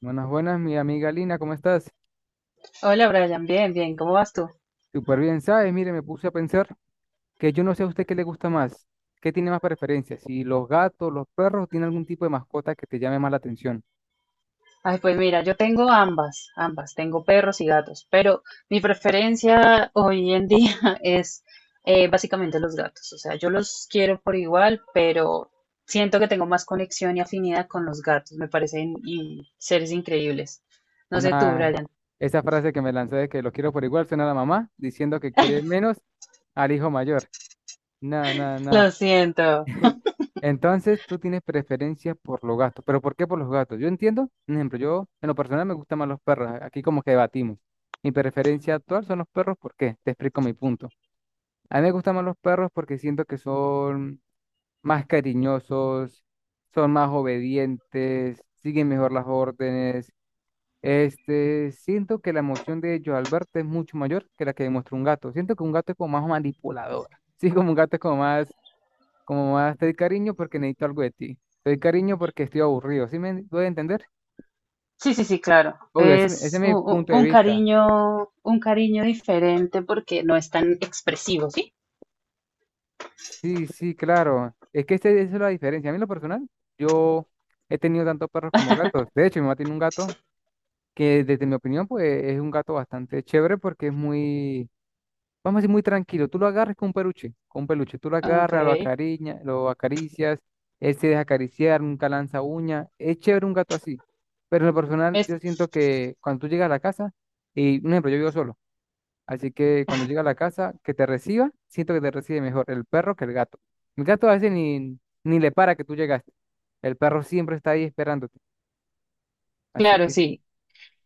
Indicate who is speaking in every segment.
Speaker 1: Buenas, buenas, mi amiga Lina, ¿cómo estás?
Speaker 2: Hola Brian, bien, bien, ¿cómo vas tú?
Speaker 1: Súper bien, ¿sabes? Mire, me puse a pensar que yo no sé a usted qué le gusta más, qué tiene más preferencias, si los gatos, los perros, tiene algún tipo de mascota que te llame más la atención.
Speaker 2: Ay, pues mira, yo tengo ambas, ambas, tengo perros y gatos, pero mi preferencia hoy en día es básicamente los gatos, o sea, yo los quiero por igual, pero siento que tengo más conexión y afinidad con los gatos, me parecen seres increíbles. No sé tú,
Speaker 1: Nah,
Speaker 2: Brian.
Speaker 1: esa frase que me lancé de que los quiero por igual suena a la mamá diciendo que quiere menos al hijo mayor. Nah, nah, nah.
Speaker 2: Lo siento.
Speaker 1: Entonces, tú tienes preferencia por los gatos. ¿Pero por qué por los gatos? Yo entiendo, por ejemplo, yo en lo personal me gustan más los perros. Aquí como que debatimos. Mi preferencia actual son los perros, ¿por qué? Te explico mi punto. A mí me gustan más los perros porque siento que son más cariñosos, son más obedientes, siguen mejor las órdenes. Siento que la emoción de ellos al verte es mucho mayor que la que demuestra un gato. Siento que un gato es como más manipulador. Sí, como un gato es como más te doy cariño porque necesito algo de ti. Te doy cariño porque estoy aburrido. ¿Sí me doy a entender?
Speaker 2: Sí, sí, sí, claro.
Speaker 1: Obvio, ese es
Speaker 2: Es
Speaker 1: mi punto de vista.
Speaker 2: un cariño diferente porque no es tan expresivo, ¿sí?
Speaker 1: Sí, sí, claro. Es que esa es la diferencia. A mí en lo personal, yo he tenido tanto perros como gatos. De hecho, mi mamá tiene un gato que desde mi opinión, pues es un gato bastante chévere porque es muy, vamos a decir, muy tranquilo. Tú lo agarras con un peluche, con un peluche. Tú lo
Speaker 2: Ok.
Speaker 1: agarras, lo acariñas, lo acaricias, él se deja acariciar, nunca lanza uña. Es chévere un gato así. Pero en lo personal,
Speaker 2: Es,
Speaker 1: yo siento que cuando tú llegas a la casa, y un ejemplo, yo vivo solo. Así que cuando llega a la casa, que te reciba, siento que te recibe mejor el perro que el gato. El gato a veces ni le para que tú llegaste. El perro siempre está ahí esperándote. Así
Speaker 2: claro,
Speaker 1: que,
Speaker 2: sí.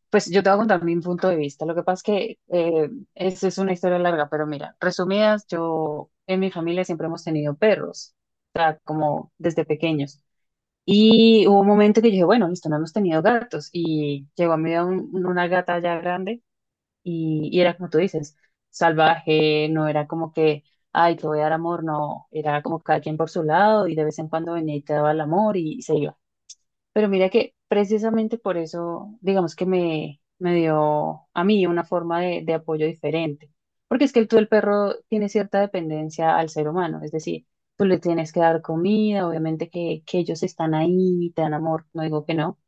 Speaker 2: Pues yo te voy a contar mi punto de vista. Lo que pasa es que es una historia larga, pero mira, resumidas, yo en mi familia siempre hemos tenido perros, o sea, como desde pequeños. Y hubo un momento que yo dije, bueno, listo, no hemos tenido gatos. Y llegó a mi vida una gata ya grande y era como tú dices, salvaje, no era como que, ay, te voy a dar amor, no, era como cada quien por su lado y de vez en cuando venía y te daba el amor y se iba. Pero mira que precisamente por eso, digamos que me dio a mí una forma de apoyo diferente. Porque es que tú, el perro, tiene cierta dependencia al ser humano. Es decir, tú le tienes que dar comida, obviamente que ellos están ahí, te dan amor, no digo que no,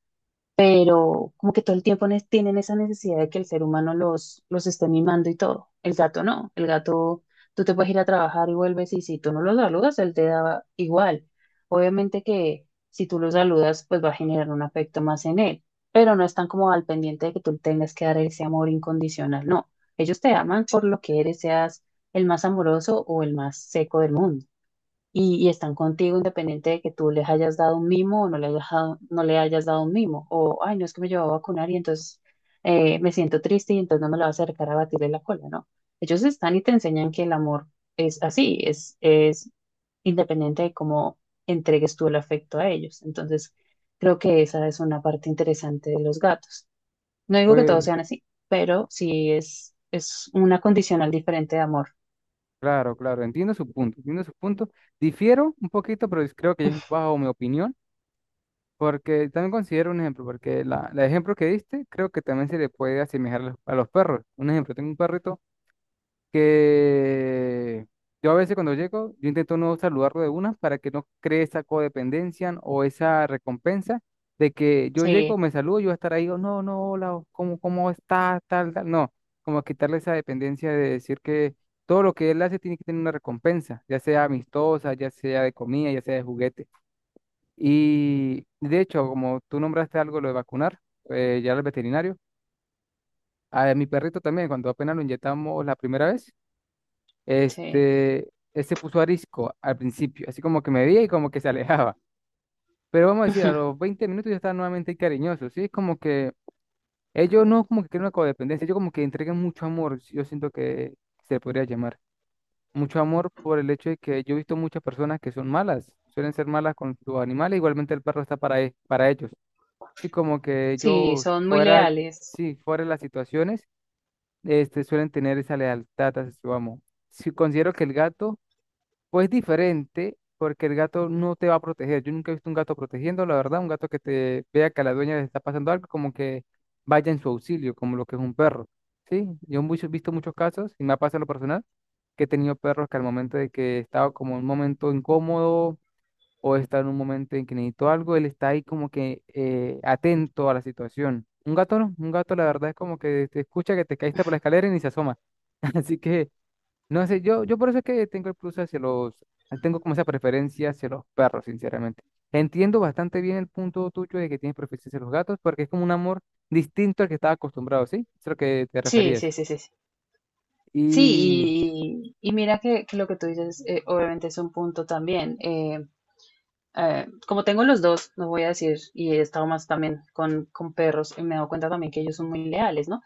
Speaker 2: pero como que todo el tiempo tienen esa necesidad de que el ser humano los esté mimando y todo. El gato no, el gato, tú te puedes ir a trabajar y vuelves y si tú no lo saludas, él te da igual. Obviamente que si tú lo saludas, pues va a generar un afecto más en él, pero no están como al pendiente de que tú tengas que dar ese amor incondicional, no. Ellos te aman por lo que eres, seas el más amoroso o el más seco del mundo y están contigo independiente de que tú les hayas dado un mimo o no le hayas dado, no le hayas dado un mimo. O, ay, no es que me llevaba a vacunar y entonces me siento triste y entonces no me la va a acercar a batirle la cola, ¿no? Ellos están y te enseñan que el amor es así, es independiente de cómo entregues tú el afecto a ellos. Entonces, creo que esa es una parte interesante de los gatos. No digo que todos
Speaker 1: pues,
Speaker 2: sean así, pero sí es una condicional diferente de amor.
Speaker 1: claro, claro, entiendo su punto, entiendo su punto. Difiero un poquito, pero creo que es bajo mi opinión, porque también considero un ejemplo, porque el ejemplo que diste creo que también se le puede asemejar a los perros. Un ejemplo, tengo un perrito que yo a veces cuando llego, yo intento no saludarlo de una para que no cree esa codependencia o esa recompensa de que yo
Speaker 2: Sí,
Speaker 1: llego, me saludo, yo voy a estar ahí, o no, no, hola, o ¿cómo estás? Tal, tal. No, como quitarle esa dependencia de decir que todo lo que él hace tiene que tener una recompensa, ya sea amistosa, ya sea de comida, ya sea de juguete. Y de hecho, como tú nombraste algo, lo de vacunar, ya al veterinario, a mi perrito también, cuando apenas lo inyectamos la primera vez.
Speaker 2: sí.
Speaker 1: Él se puso arisco al principio, así como que me veía y como que se alejaba. Pero vamos a decir, a los 20 minutos ya estaba nuevamente cariñoso, ¿sí? Es como que ellos no como que crean una codependencia, ellos como que entregan mucho amor, yo siento que se podría llamar. Mucho amor por el hecho de que yo he visto muchas personas que son malas, suelen ser malas con sus animales, igualmente el perro está para, para ellos. Sí, como que
Speaker 2: Sí,
Speaker 1: ellos
Speaker 2: son muy
Speaker 1: fuera,
Speaker 2: leales.
Speaker 1: sí, fuera de las situaciones, suelen tener esa lealtad hacia su amo. Sí, considero que el gato, pues diferente, porque el gato no te va a proteger. Yo nunca he visto un gato protegiendo, la verdad, un gato que te vea que a la dueña le está pasando algo, como que vaya en su auxilio, como lo que es un perro. Sí, yo he visto muchos casos, y me ha pasado en lo personal, que he tenido perros que al momento de que estaba como en un momento incómodo o está en un momento en que necesito algo, él está ahí como que atento a la situación. Un gato no, un gato la verdad es como que te escucha que te caíste por la escalera y ni se asoma. Así que no sé, yo por eso es que tengo el plus hacia los, tengo como esa preferencia hacia los perros, sinceramente. Entiendo bastante bien el punto tuyo de que tienes preferencia hacia los gatos, porque es como un amor distinto al que estaba acostumbrado, ¿sí? Es a lo que te
Speaker 2: Sí,
Speaker 1: referías.
Speaker 2: sí, sí, sí. Sí,
Speaker 1: Y
Speaker 2: sí, y mira que lo que tú dices, obviamente es un punto también. Como tengo los dos, no voy a decir, y he estado más también con perros, y me he dado cuenta también que ellos son muy leales, ¿no?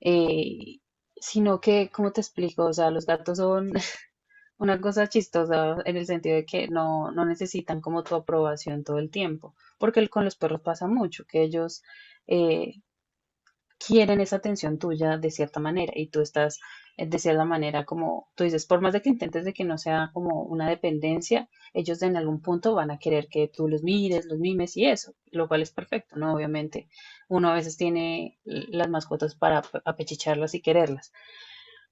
Speaker 2: Eh, sino que, ¿cómo te explico? O sea, los gatos son una cosa chistosa en el sentido de que no, no necesitan como tu aprobación todo el tiempo, porque con los perros pasa mucho, que ellos... eh, quieren esa atención tuya de cierta manera y tú estás de cierta manera como tú dices, por más de que intentes de que no sea como una dependencia, ellos en algún punto van a querer que tú los mires, los mimes y eso, lo cual es perfecto, ¿no? Obviamente, uno a veces tiene las mascotas para apechicharlas y quererlas.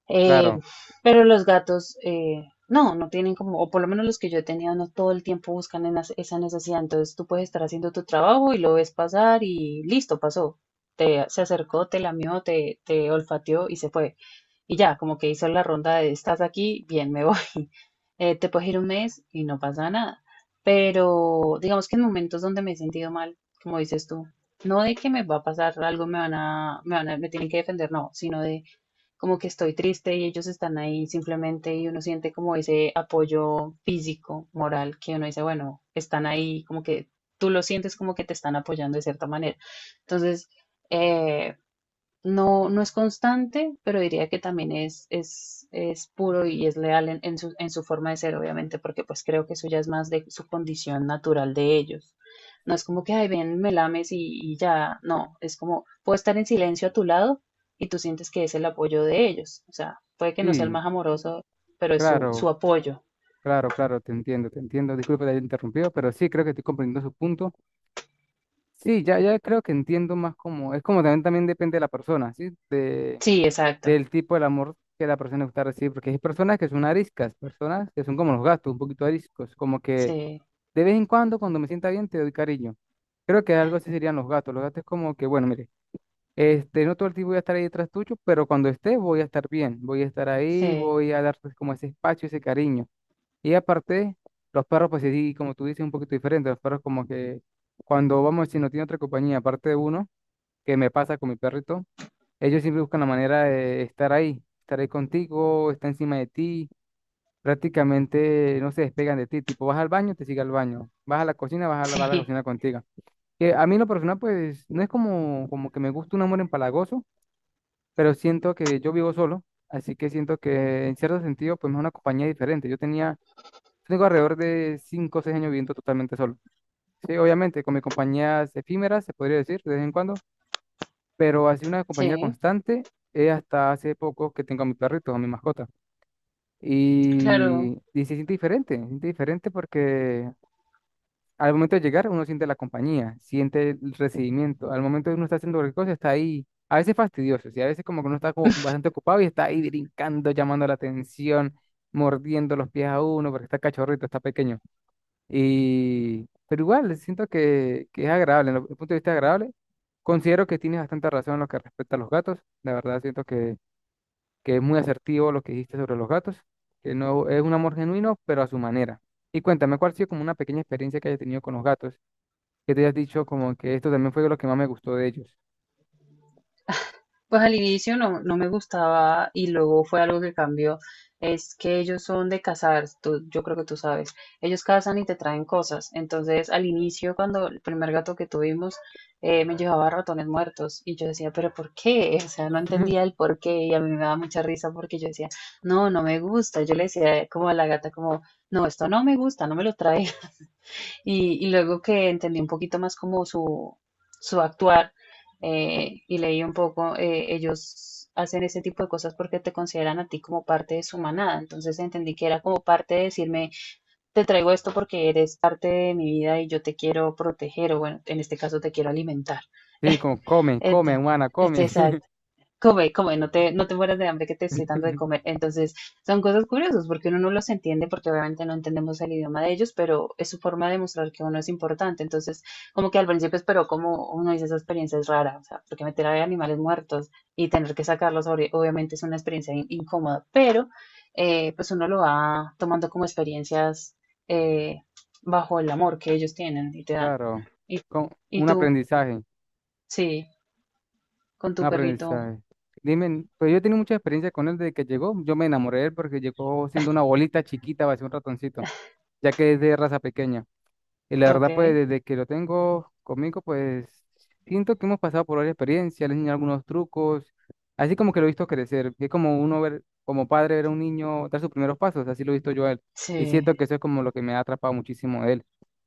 Speaker 2: Eh,
Speaker 1: claro,
Speaker 2: pero los gatos, no, no tienen como, o por lo menos los que yo he tenido, no todo el tiempo buscan en esa necesidad. Entonces tú puedes estar haciendo tu trabajo y lo ves pasar y listo, pasó. Te, se acercó, te lamió, te olfateó y se fue. Y ya, como que hizo la ronda de estás aquí, bien, me voy. Te puedes ir un mes y no pasa nada. Pero digamos que en momentos donde me he sentido mal, como dices tú, no de que me va a pasar algo, me van a, me van a, me tienen que defender, no, sino de como que estoy triste y ellos están ahí simplemente y uno siente como ese apoyo físico, moral, que uno dice, bueno, están ahí, como que tú lo sientes como que te están apoyando de cierta manera. Entonces, eh, no, no es constante, pero diría que también es puro y es leal en su forma de ser, obviamente, porque pues creo que eso ya es más de su condición natural de ellos. No es como que, ay, ven, me lames y ya, no, es como, puedo estar en silencio a tu lado y tú sientes que es el apoyo de ellos. O sea, puede que no sea el
Speaker 1: sí,
Speaker 2: más amoroso, pero es su, su
Speaker 1: claro,
Speaker 2: apoyo.
Speaker 1: claro, claro, te entiendo, te entiendo. Disculpe de haber interrumpido, pero sí creo que estoy comprendiendo su punto. Sí, ya, ya creo que entiendo más como, es como también, también depende de la persona, ¿sí? De
Speaker 2: Sí, exacto.
Speaker 1: del tipo del amor que la persona le gusta recibir, porque hay personas que son ariscas, personas que son como los gatos, un poquito ariscos, como que
Speaker 2: Sí,
Speaker 1: de vez en cuando, cuando me sienta bien, te doy cariño. Creo que algo así serían los gatos. Los gatos es como que, bueno, mire, no todo el tiempo voy a estar ahí detrás tuyo, pero cuando esté voy a estar bien, voy a estar ahí,
Speaker 2: sí,
Speaker 1: voy a darte como ese espacio, ese cariño. Y aparte, los perros, pues sí, como tú dices, un poquito diferente. Los perros como que cuando vamos, si no tiene otra compañía, aparte de uno, que me pasa con mi perrito, ellos siempre buscan la manera de estar ahí contigo, estar encima de ti, prácticamente no se despegan de ti, tipo vas al baño, te sigue al baño, vas a la cocina, va a la
Speaker 2: sí,
Speaker 1: cocina contigo. Que a mí en lo personal pues no es como, como que me gusta un amor empalagoso, pero siento que yo vivo solo, así que siento que en cierto sentido pues me es una compañía diferente. Yo tenía, tengo alrededor de 5 o 6 años viviendo totalmente solo. Sí, obviamente con mis compañías efímeras, se podría decir, de vez en cuando, pero así una compañía
Speaker 2: sí,
Speaker 1: constante es hasta hace poco que tengo a mi perrito, a mi mascota.
Speaker 2: claro.
Speaker 1: Y se siente diferente porque al momento de llegar uno siente la compañía, siente el recibimiento, al momento de uno está haciendo cualquier cosa está ahí, a veces fastidioso, y a veces como que uno está como bastante ocupado y está ahí brincando, llamando la atención, mordiendo los pies a uno porque está cachorrito, está pequeño. Y, pero igual, siento que es agradable, desde el punto de vista agradable. Considero que tienes bastante razón en lo que respecta a los gatos. La verdad, siento que es muy asertivo lo que dijiste sobre los gatos, que no es un amor genuino, pero a su manera. Y cuéntame, ¿cuál ha sido como una pequeña experiencia que hayas tenido con los gatos? Que te hayas dicho como que esto también fue lo que más me gustó de ellos.
Speaker 2: Pues al inicio no, no me gustaba y luego fue algo que cambió. Es que ellos son de cazar, tú- yo creo que tú sabes. Ellos cazan y te traen cosas. Entonces al inicio, cuando el primer gato que tuvimos me llevaba ratones muertos y yo decía, pero ¿por qué? O sea, no entendía el por qué y a mí me daba mucha risa porque yo decía, no, no me gusta. Yo le decía como a la gata, como, no, esto no me gusta, no me lo traes. Y luego que entendí un poquito más como su actuar, y leí un poco, ellos hacen ese tipo de cosas porque te consideran a ti como parte de su manada. Entonces entendí que era como parte de decirme, te traigo esto porque eres parte de mi vida y yo te quiero proteger o bueno, en este caso te quiero alimentar.
Speaker 1: Sí, como come, come,
Speaker 2: Entonces,
Speaker 1: humana,
Speaker 2: este,
Speaker 1: come.
Speaker 2: exacto. Come, come, no te, no te mueras de hambre que te estoy dando de comer. Entonces, son cosas curiosas porque uno no los entiende porque obviamente no entendemos el idioma de ellos, pero es su forma de mostrar que uno es importante. Entonces, como que al principio esperó como uno dice, esa experiencia es rara, o sea, porque meter a animales muertos y tener que sacarlos obviamente es una experiencia incómoda, pero pues uno lo va tomando como experiencias eh, bajo el amor que ellos tienen y te dan.
Speaker 1: Claro,
Speaker 2: Y,
Speaker 1: con
Speaker 2: y
Speaker 1: un
Speaker 2: tú,
Speaker 1: aprendizaje.
Speaker 2: sí, con tu
Speaker 1: Un
Speaker 2: perrito,
Speaker 1: aprendizaje. Dime, pues yo he tenido mucha experiencia con él desde que llegó. Yo me enamoré de él porque llegó siendo una bolita chiquita, parecía un ratoncito, ya que es de raza pequeña. Y la
Speaker 2: ok,
Speaker 1: verdad, pues desde que lo tengo conmigo, pues siento que hemos pasado por varias experiencias, le he enseñado algunos trucos, así como que lo he visto crecer, es como uno ver, como padre ver a un niño dar sus primeros pasos, así lo he visto yo a él. Y siento que
Speaker 2: sí.
Speaker 1: eso es como lo que me ha atrapado muchísimo de él.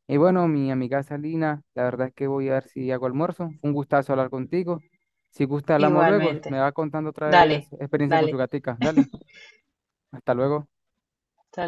Speaker 1: Y bueno, mi amiga Salina, la verdad es que voy a ver si hago almuerzo. Fue un gustazo hablar contigo. Si gusta, hablamos luego. Me
Speaker 2: Igualmente.
Speaker 1: va contando otra
Speaker 2: Dale,
Speaker 1: vez experiencia con su
Speaker 2: dale.
Speaker 1: gatica. Dale, hasta luego.
Speaker 2: Hasta